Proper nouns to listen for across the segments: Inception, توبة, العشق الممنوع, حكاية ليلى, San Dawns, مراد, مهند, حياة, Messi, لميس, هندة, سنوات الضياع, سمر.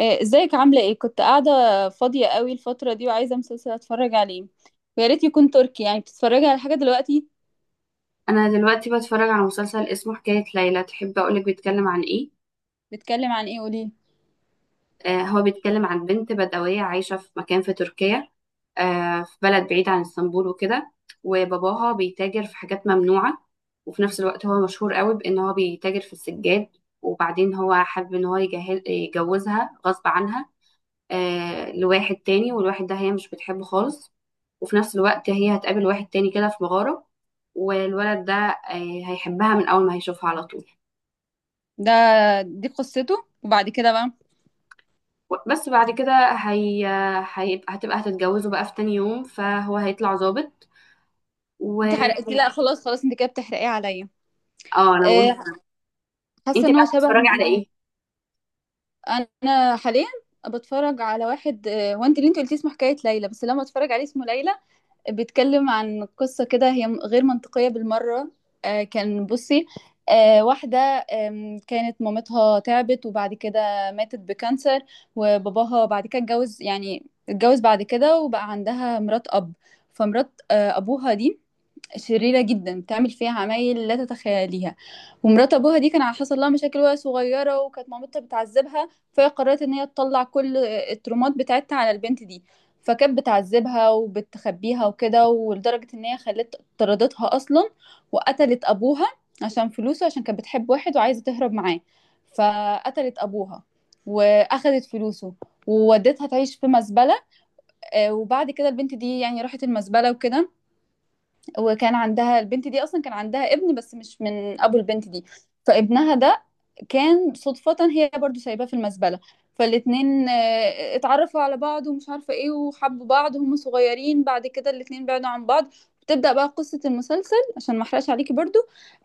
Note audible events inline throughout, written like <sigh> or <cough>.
ازيك عاملة ايه؟ كنت قاعدة فاضية قوي الفترة دي وعايزة مسلسل اتفرج عليه، ويا ريت يكون تركي. يعني بتتفرجي على حاجة دلوقتي؟ انا دلوقتي بتفرج على مسلسل اسمه حكاية ليلى. تحب اقولك بيتكلم عن ايه؟ بتتكلم عن ايه؟ قولي. آه، هو بيتكلم عن بنت بدوية عايشة في مكان في تركيا، آه في بلد بعيد عن اسطنبول وكده. وباباها بيتاجر في حاجات ممنوعة، وفي نفس الوقت هو مشهور قوي بان هو بيتاجر في السجاد. وبعدين هو حابب ان هو يجهز يجوزها غصب عنها، آه لواحد تاني. والواحد ده هي مش بتحبه خالص. وفي نفس الوقت هي هتقابل واحد تاني كده في مغارة. والولد ده هيحبها من اول ما هيشوفها على طول. ده دي قصته وبعد كده بقى بس بعد كده هي... هيبقى هتبقى هتتجوزوا بقى في تاني يوم، فهو هيطلع ظابط و انت حرقتي؟ اه لا خلاص خلاص، انت كده بتحرقيه عليا. انا بقول آه، انت حاسة ان بقى هو شبه. بتتفرجي على ايه؟ انا حاليا بتفرج على واحد، هو انت اللي انت قلتيه اسمه حكاية ليلى، بس لما اتفرج عليه اسمه ليلى. بيتكلم عن قصة كده هي غير منطقية بالمرة. كان بصي، واحدة كانت مامتها تعبت وبعد كده ماتت بكانسر. وباباها بعد كده اتجوز، يعني اتجوز بعد كده وبقى عندها مرات أب. فمرات أبوها دي شريرة جدا، بتعمل فيها عمايل لا تتخيليها. ومرات ابوها دي كان حصل لها مشاكل وهي صغيرة، وكانت مامتها بتعذبها، فهي قررت ان هي تطلع كل الترومات بتاعتها على البنت دي. فكانت بتعذبها وبتخبيها وكده، ولدرجة ان هي خلت طردتها اصلا، وقتلت ابوها عشان فلوسه، عشان كانت بتحب واحد وعايزة تهرب معاه. فقتلت ابوها واخدت فلوسه وودتها تعيش في مزبلة. وبعد كده البنت دي يعني راحت المزبلة وكده. وكان عندها البنت دي اصلا كان عندها ابن، بس مش من ابو البنت دي. فابنها ده كان صدفة هي برضو سايباه في المزبلة. فالاتنين اتعرفوا على بعض ومش عارفة ايه، وحبوا بعض وهم صغيرين. بعد كده الاتنين بعدوا عن بعض. بتبدأ بقى قصة المسلسل، عشان ما احرقش عليكي برضو.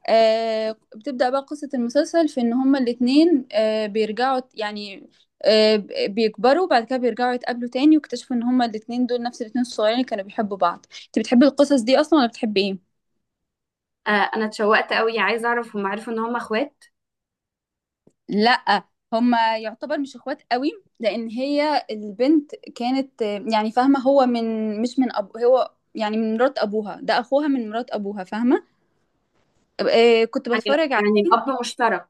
آه، بتبدأ بقى قصة المسلسل في ان هما الاتنين آه بيرجعوا يعني، آه بيكبروا، بعد كده بيرجعوا يتقابلوا تاني، واكتشفوا ان هما الاتنين دول نفس الاتنين الصغيرين اللي كانوا بيحبوا بعض. انت بتحبي القصص دي اصلا ولا بتحبي ايه؟ آه، انا اتشوقت قوي، عايزه اعرف هم عرفوا ان هم اخوات. لا، هما يعتبر مش اخوات قوي، لان هي البنت كانت يعني فاهمه هو من مش من أب، هو يعني من مرات ابوها، ده اخوها من مرات ابوها، فاهمه؟ كنت يعني لا، بتفرج عليه. يعني الاب مشترك.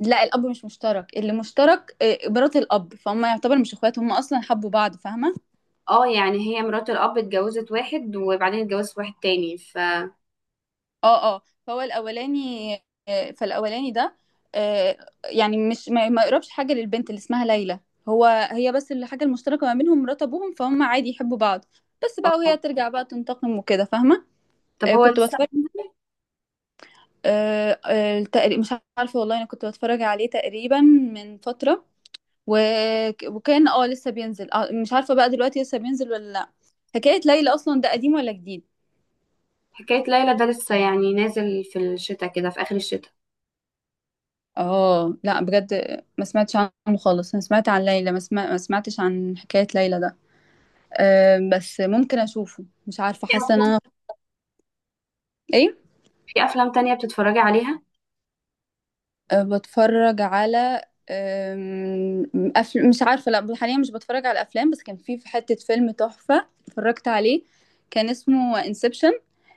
لا الاب مش مشترك، اللي مشترك مرات الاب، فهم يعتبر مش اخوات، هم اصلا حبوا بعض، فاهمه؟ اه، يعني هي مرات الاب اتجوزت واحد وبعدين اتجوزت واحد تاني. اه اه. فهو الاولاني، فالاولاني ده آه، يعني مش ما يقربش حاجه للبنت اللي اسمها ليلى. هو هي بس الحاجه المشتركه ما بينهم مرات ابوهم، فهم عادي يحبوا بعض. بس بقى وهي اه ترجع بقى تنتقم وكده، فاهمه؟ طب هو كنت لسه. بتفرج. مش عارفه والله، انا كنت بتفرج عليه تقريبا من فتره و... وكان اه لسه بينزل، مش عارفه بقى دلوقتي لسه بينزل ولا لا. حكايه ليلى اصلا ده قديم ولا جديد؟ حكاية ليلى ده لسه يعني نازل في الشتاء كده، في آخر الشتاء. اه لا بجد، ما سمعتش عنه خالص، انا سمعت عن ليلى ما سمعتش عن حكاية ليلى ده. أه بس ممكن اشوفه، مش عارفة في حاسة ان أفلام انا. ايه؟ في أفلام تانية بتتفرجي عليها؟ أه بتفرج على مش عارفة، لا حاليا مش بتفرج على افلام، بس كان في حتة فيلم تحفة اتفرجت عليه. كان اسمه انسبشن.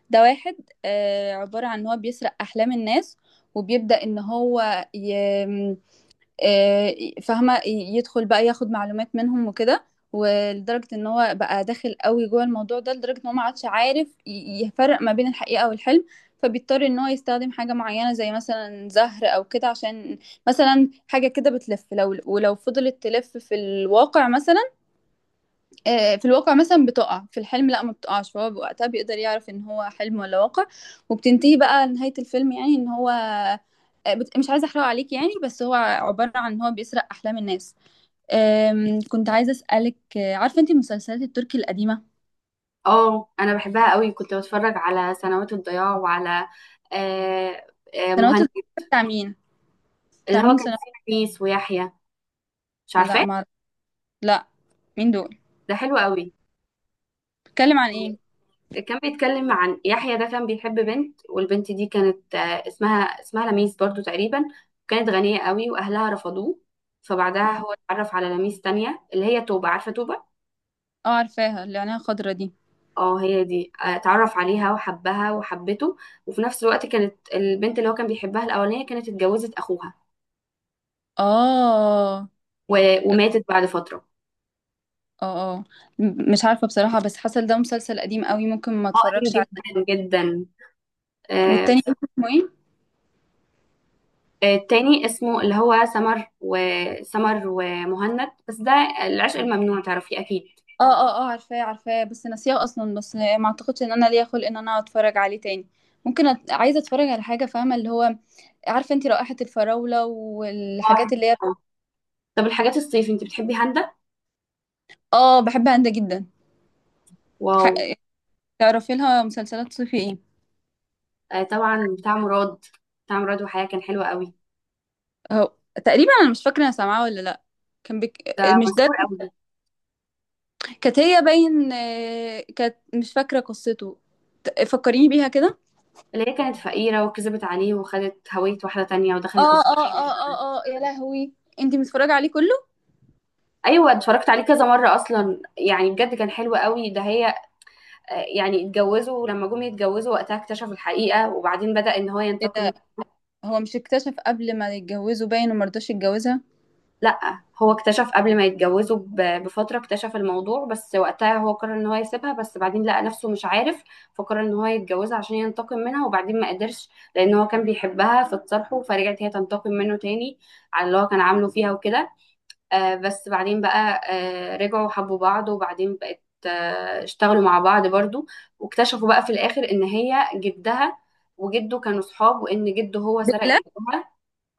ده واحد عبارة عن ان هو بيسرق احلام الناس. وبيبدأ ان هو ي... آه، فاهمة يدخل بقى ياخد معلومات منهم وكده. ولدرجة ان هو بقى داخل قوي جوه الموضوع ده، لدرجة ان هو ما عادش عارف يفرق ما بين الحقيقة والحلم. فبيضطر ان هو يستخدم حاجة معينة، زي مثلا زهر او كده، عشان مثلا حاجة كده بتلف، لو ولو فضلت تلف في الواقع مثلا، في الواقع مثلا بتقع في الحلم، لا ما بتقعش، فهو وقتها بيقدر يعرف ان هو حلم ولا واقع. وبتنتهي بقى نهاية الفيلم، يعني ان هو مش عايزة احرقه عليك يعني، بس هو عبارة عن ان هو بيسرق احلام الناس. كنت عايزة اسألك، عارفة انت المسلسلات التركي القديمة؟ اه انا بحبها قوي، كنت بتفرج على سنوات الضياع وعلى آه، سنوات مهند. الضياع بتاع مين؟ اللي بتاع هو مين كان سنوات؟ فيه أنيس ويحيى، مش لا عارفاه؟ ما أعرف. لا، مين دول؟ ده حلو قوي. بتتكلم عن ايه؟ كان بيتكلم عن يحيى، ده كان بيحب بنت، والبنت دي كانت اسمها لميس برضو تقريبا. كانت غنية قوي واهلها رفضوه. فبعدها مم. هو اتعرف على لميس تانية اللي هي توبة، عارفة توبة؟ اه عارفاها، اللي عينيها خضرا دي. اه هي دي، اتعرف عليها وحبها وحبته. وفي نفس الوقت كانت البنت اللي هو كان بيحبها الأولانية كانت اتجوزت أخوها، اه وماتت بعد فترة. اه اه. مش عارفة بصراحة، بس حصل ده مسلسل قديم قوي، ممكن ما حقن اتفرجش عليه. جدا جدا. آه، والتاني ف- اسمه ايه؟ التاني اسمه اللي هو سمر ومهند. بس ده العشق الممنوع، تعرفيه أكيد. اه اه اه، عارفاه عارفاه، بس ناسياه اصلا، بس ما اعتقدش ان انا ليا خلق ان انا اتفرج عليه تاني. عايزه اتفرج على حاجه، فاهمه، اللي هو عارفه انت، رائحه الفراوله اه حلو. والحاجات اللي هي. آه. طب الحاجات الصيف انت بتحبي هندة؟ اه بحبها انت جدا. واو. ح... تعرفي لها مسلسلات صيفي ايه؟ طبعا بتاع مراد. بتاع مراد وحياة كان حلو قوي. اهو، تقريبا انا مش فاكره انا سامعاه ولا لا. كان بك... ده مش ده؟ مشهور قوي ده. كانت هي باين كانت مش فاكره قصته. فكريني بيها كده. اللي هي كانت فقيرة وكذبت عليه وخدت هوية واحدة تانية ودخلت اه الشركة. اه اه اه اه، يا لهوي، انت متفرجه عليه كله؟ ايوه، اتفرجت عليه كذا مرة اصلا، يعني بجد كان حلو قوي. ده هي، يعني اتجوزوا لما جم يتجوزوا وقتها اكتشف الحقيقة، وبعدين بدأ ان هو ينتقم. هو مش اكتشف قبل ما يتجوزوا باين، وما رضاش يتجوزها؟ لا هو اكتشف قبل ما يتجوزوا بفترة، اكتشف الموضوع، بس وقتها هو قرر ان هو يسيبها، بس بعدين لقى نفسه مش عارف. فقرر ان هو يتجوزها عشان ينتقم منها، وبعدين ما قدرش لان هو كان بيحبها. فاتصالحوا، فرجعت هي تنتقم منه تاني على اللي هو كان عامله فيها وكده. بس بعدين بقى رجعوا حبوا بعض، وبعدين بقت اشتغلوا مع بعض برضو. واكتشفوا بقى في الآخر إن هي جدها وجده كانوا صحاب، وإن جده هو سرق بالله، جدها.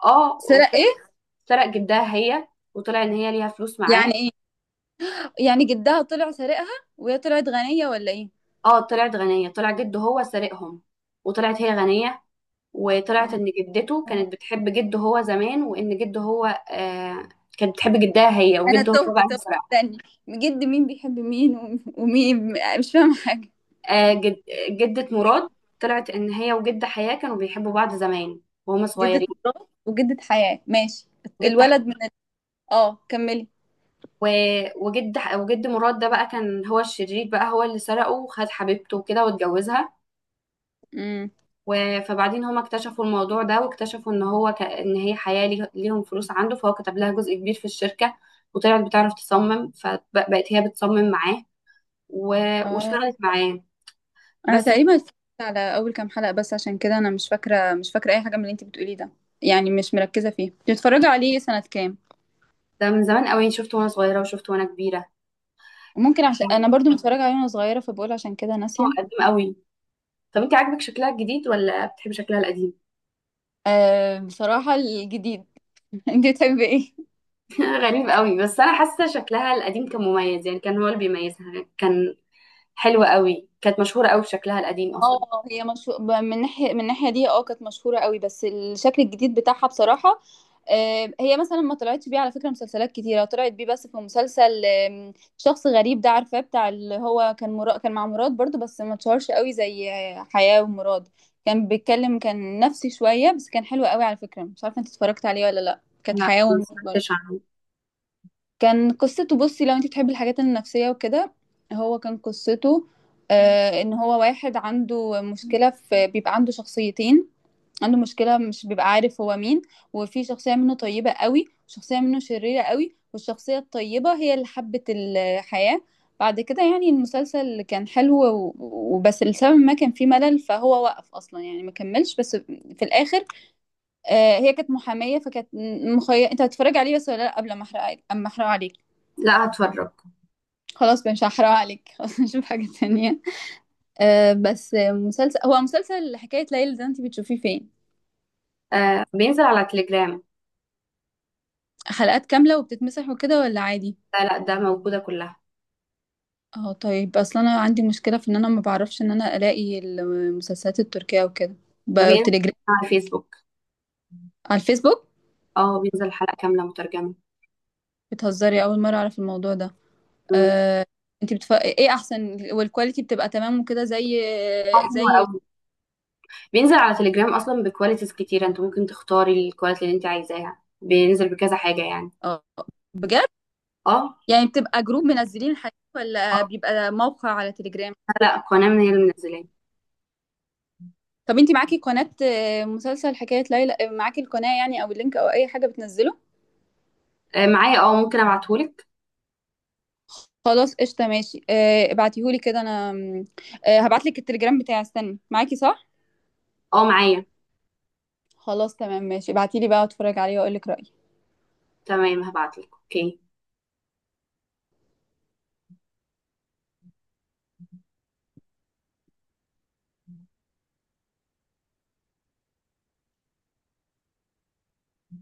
اه سرق ايه؟ واكتشف- سرق جدها هي، وطلع إن هي ليها فلوس يعني معاه. ايه؟ يعني جدها طلع سارقها، وهي طلعت غنية ولا ايه؟ اه طلعت غنية، طلع جده هو سرقهم وطلعت هي غنية. وطلعت آه. إن جدته كانت بتحب جده هو زمان، وإن جده هو كانت بتحب جدها هي، انا وجده هو تهت بقى اللي تهت، سرقها. استني، جد مين بيحب مين ومين؟ مش فاهمة حاجة. آه، جد جدة مراد طلعت ان هي وجد حياة كانوا بيحبوا بعض زمان وهما جدة صغيرين. مرات وجدة حياة، ماشي. جد ح... الولد من ال... اه كملي. و... وجد مراد ده بقى كان هو الشرير، بقى هو اللي سرقه وخد حبيبته وكده واتجوزها. امم. فبعدين هما اكتشفوا الموضوع ده، واكتشفوا ان ان هي حياة ليهم فلوس عنده. فهو كتب لها جزء كبير في الشركة، وطلعت بتعرف تصمم، فبقت هي بتصمم معاه و... اه، واشتغلت معاه. انا بس تقريبا اتفرجت على اول كام حلقة بس، عشان كده انا مش فاكرة، مش فاكرة اي حاجة من اللي انت بتقوليه ده. يعني مش مركزة فيه. بتتفرجي عليه سنة كام؟ ده من زمان قوي، شفته وانا صغيرة وشفته وانا كبيرة. ممكن عشان يعني انا برضو متفرجه عليه وانا صغيره، فبقول عشان كده هو ناسيه. قديم قوي. طب انت عاجبك شكلها الجديد ولا بتحبي شكلها القديم؟ أه بصراحه الجديد. <laughs> انت بتحبي ايه؟ <laughs> غريب قوي، بس انا حاسه شكلها القديم كان مميز، يعني كان هو اللي بيميزها. كان حلو قوي، كانت مشهوره قوي بشكلها القديم اصلا. اه هي مشهور من ناحيه، من الناحيه دي اه كانت مشهوره قوي، بس الشكل الجديد بتاعها بصراحه. أه هي مثلا ما طلعتش بيه على فكره مسلسلات كتيره، طلعت بيه بس في مسلسل، شخص غريب ده عارفاه، بتاع اللي هو كان كان مع مراد برضو، بس ما اتشهرش قوي زي حياه ومراد. كان بيتكلم، كان نفسي شويه، بس كان حلو قوي على فكره، مش عارفه انت اتفرجت عليه ولا لا، كانت لا، حياه ما ومراد. سمعتش عنه. كان قصته، بصي لو انت تحبي الحاجات النفسية وكده، هو كان قصته آه ان هو واحد عنده مشكلة في، بيبقى عنده شخصيتين، عنده مشكلة مش بيبقى عارف هو مين. وفي شخصية منه طيبة قوي، شخصية منه شريرة قوي، والشخصية الطيبة هي اللي حبت الحياة. بعد كده يعني المسلسل كان حلو وبس لسبب ما كان فيه ملل، فهو وقف اصلا يعني ما كملش، بس في الاخر آه هي كانت محامية فكانت انت هتتفرج عليه بس ولا لا، قبل ما احرق، اما احرق عليك. لا، هتفرج. خلاص مش هحرق عليك. <laughs> خلاص نشوف حاجة تانية. أه بس مسلسل، هو مسلسل حكاية ليلى ده انتي بتشوفيه فين؟ آه بينزل على تليجرام. حلقات كاملة وبتتمسح وكده ولا عادي؟ لا لا، ده موجوده كلها. اه طيب، اصلا انا عندي مشكلة في ان انا ما بعرفش ان انا الاقي المسلسلات التركية وكده. وبينزل بتليجرام؟ على فيسبوك. على الفيسبوك؟ اه بينزل حلقه كامله مترجمه. بتهزري؟ اول مرة اعرف الموضوع ده. امم. أه، ايه احسن؟ والكواليتي بتبقى تمام وكده، زي، حلو زي. قوي، بينزل على تليجرام اصلا بكواليتيز كتيره. انت ممكن تختاري الكواليتي اللي انت عايزاها، بينزل بكذا حاجه يعني. اه بجد؟ اه. يعني بتبقى جروب منزلين الحاجات ولا اه بيبقى موقع على تليجرام؟ لا، قناه من هي اللي منزلاه. طب انتي معاكي قناة، مسلسل حكاية ليلى، معاكي القناة يعني او اللينك او اي حاجة بتنزله؟ معايا. اه ممكن ابعتهولك. خلاص قشطة ماشي، ابعتيهولي كده، انا م، هبعتلك التليجرام بتاعي، استني، معاكي صح؟ اه معايا. خلاص تمام ماشي، ابعتيلي بقى اتفرج عليه واقولك رأيي. تمام، هبعتلك. اوكي.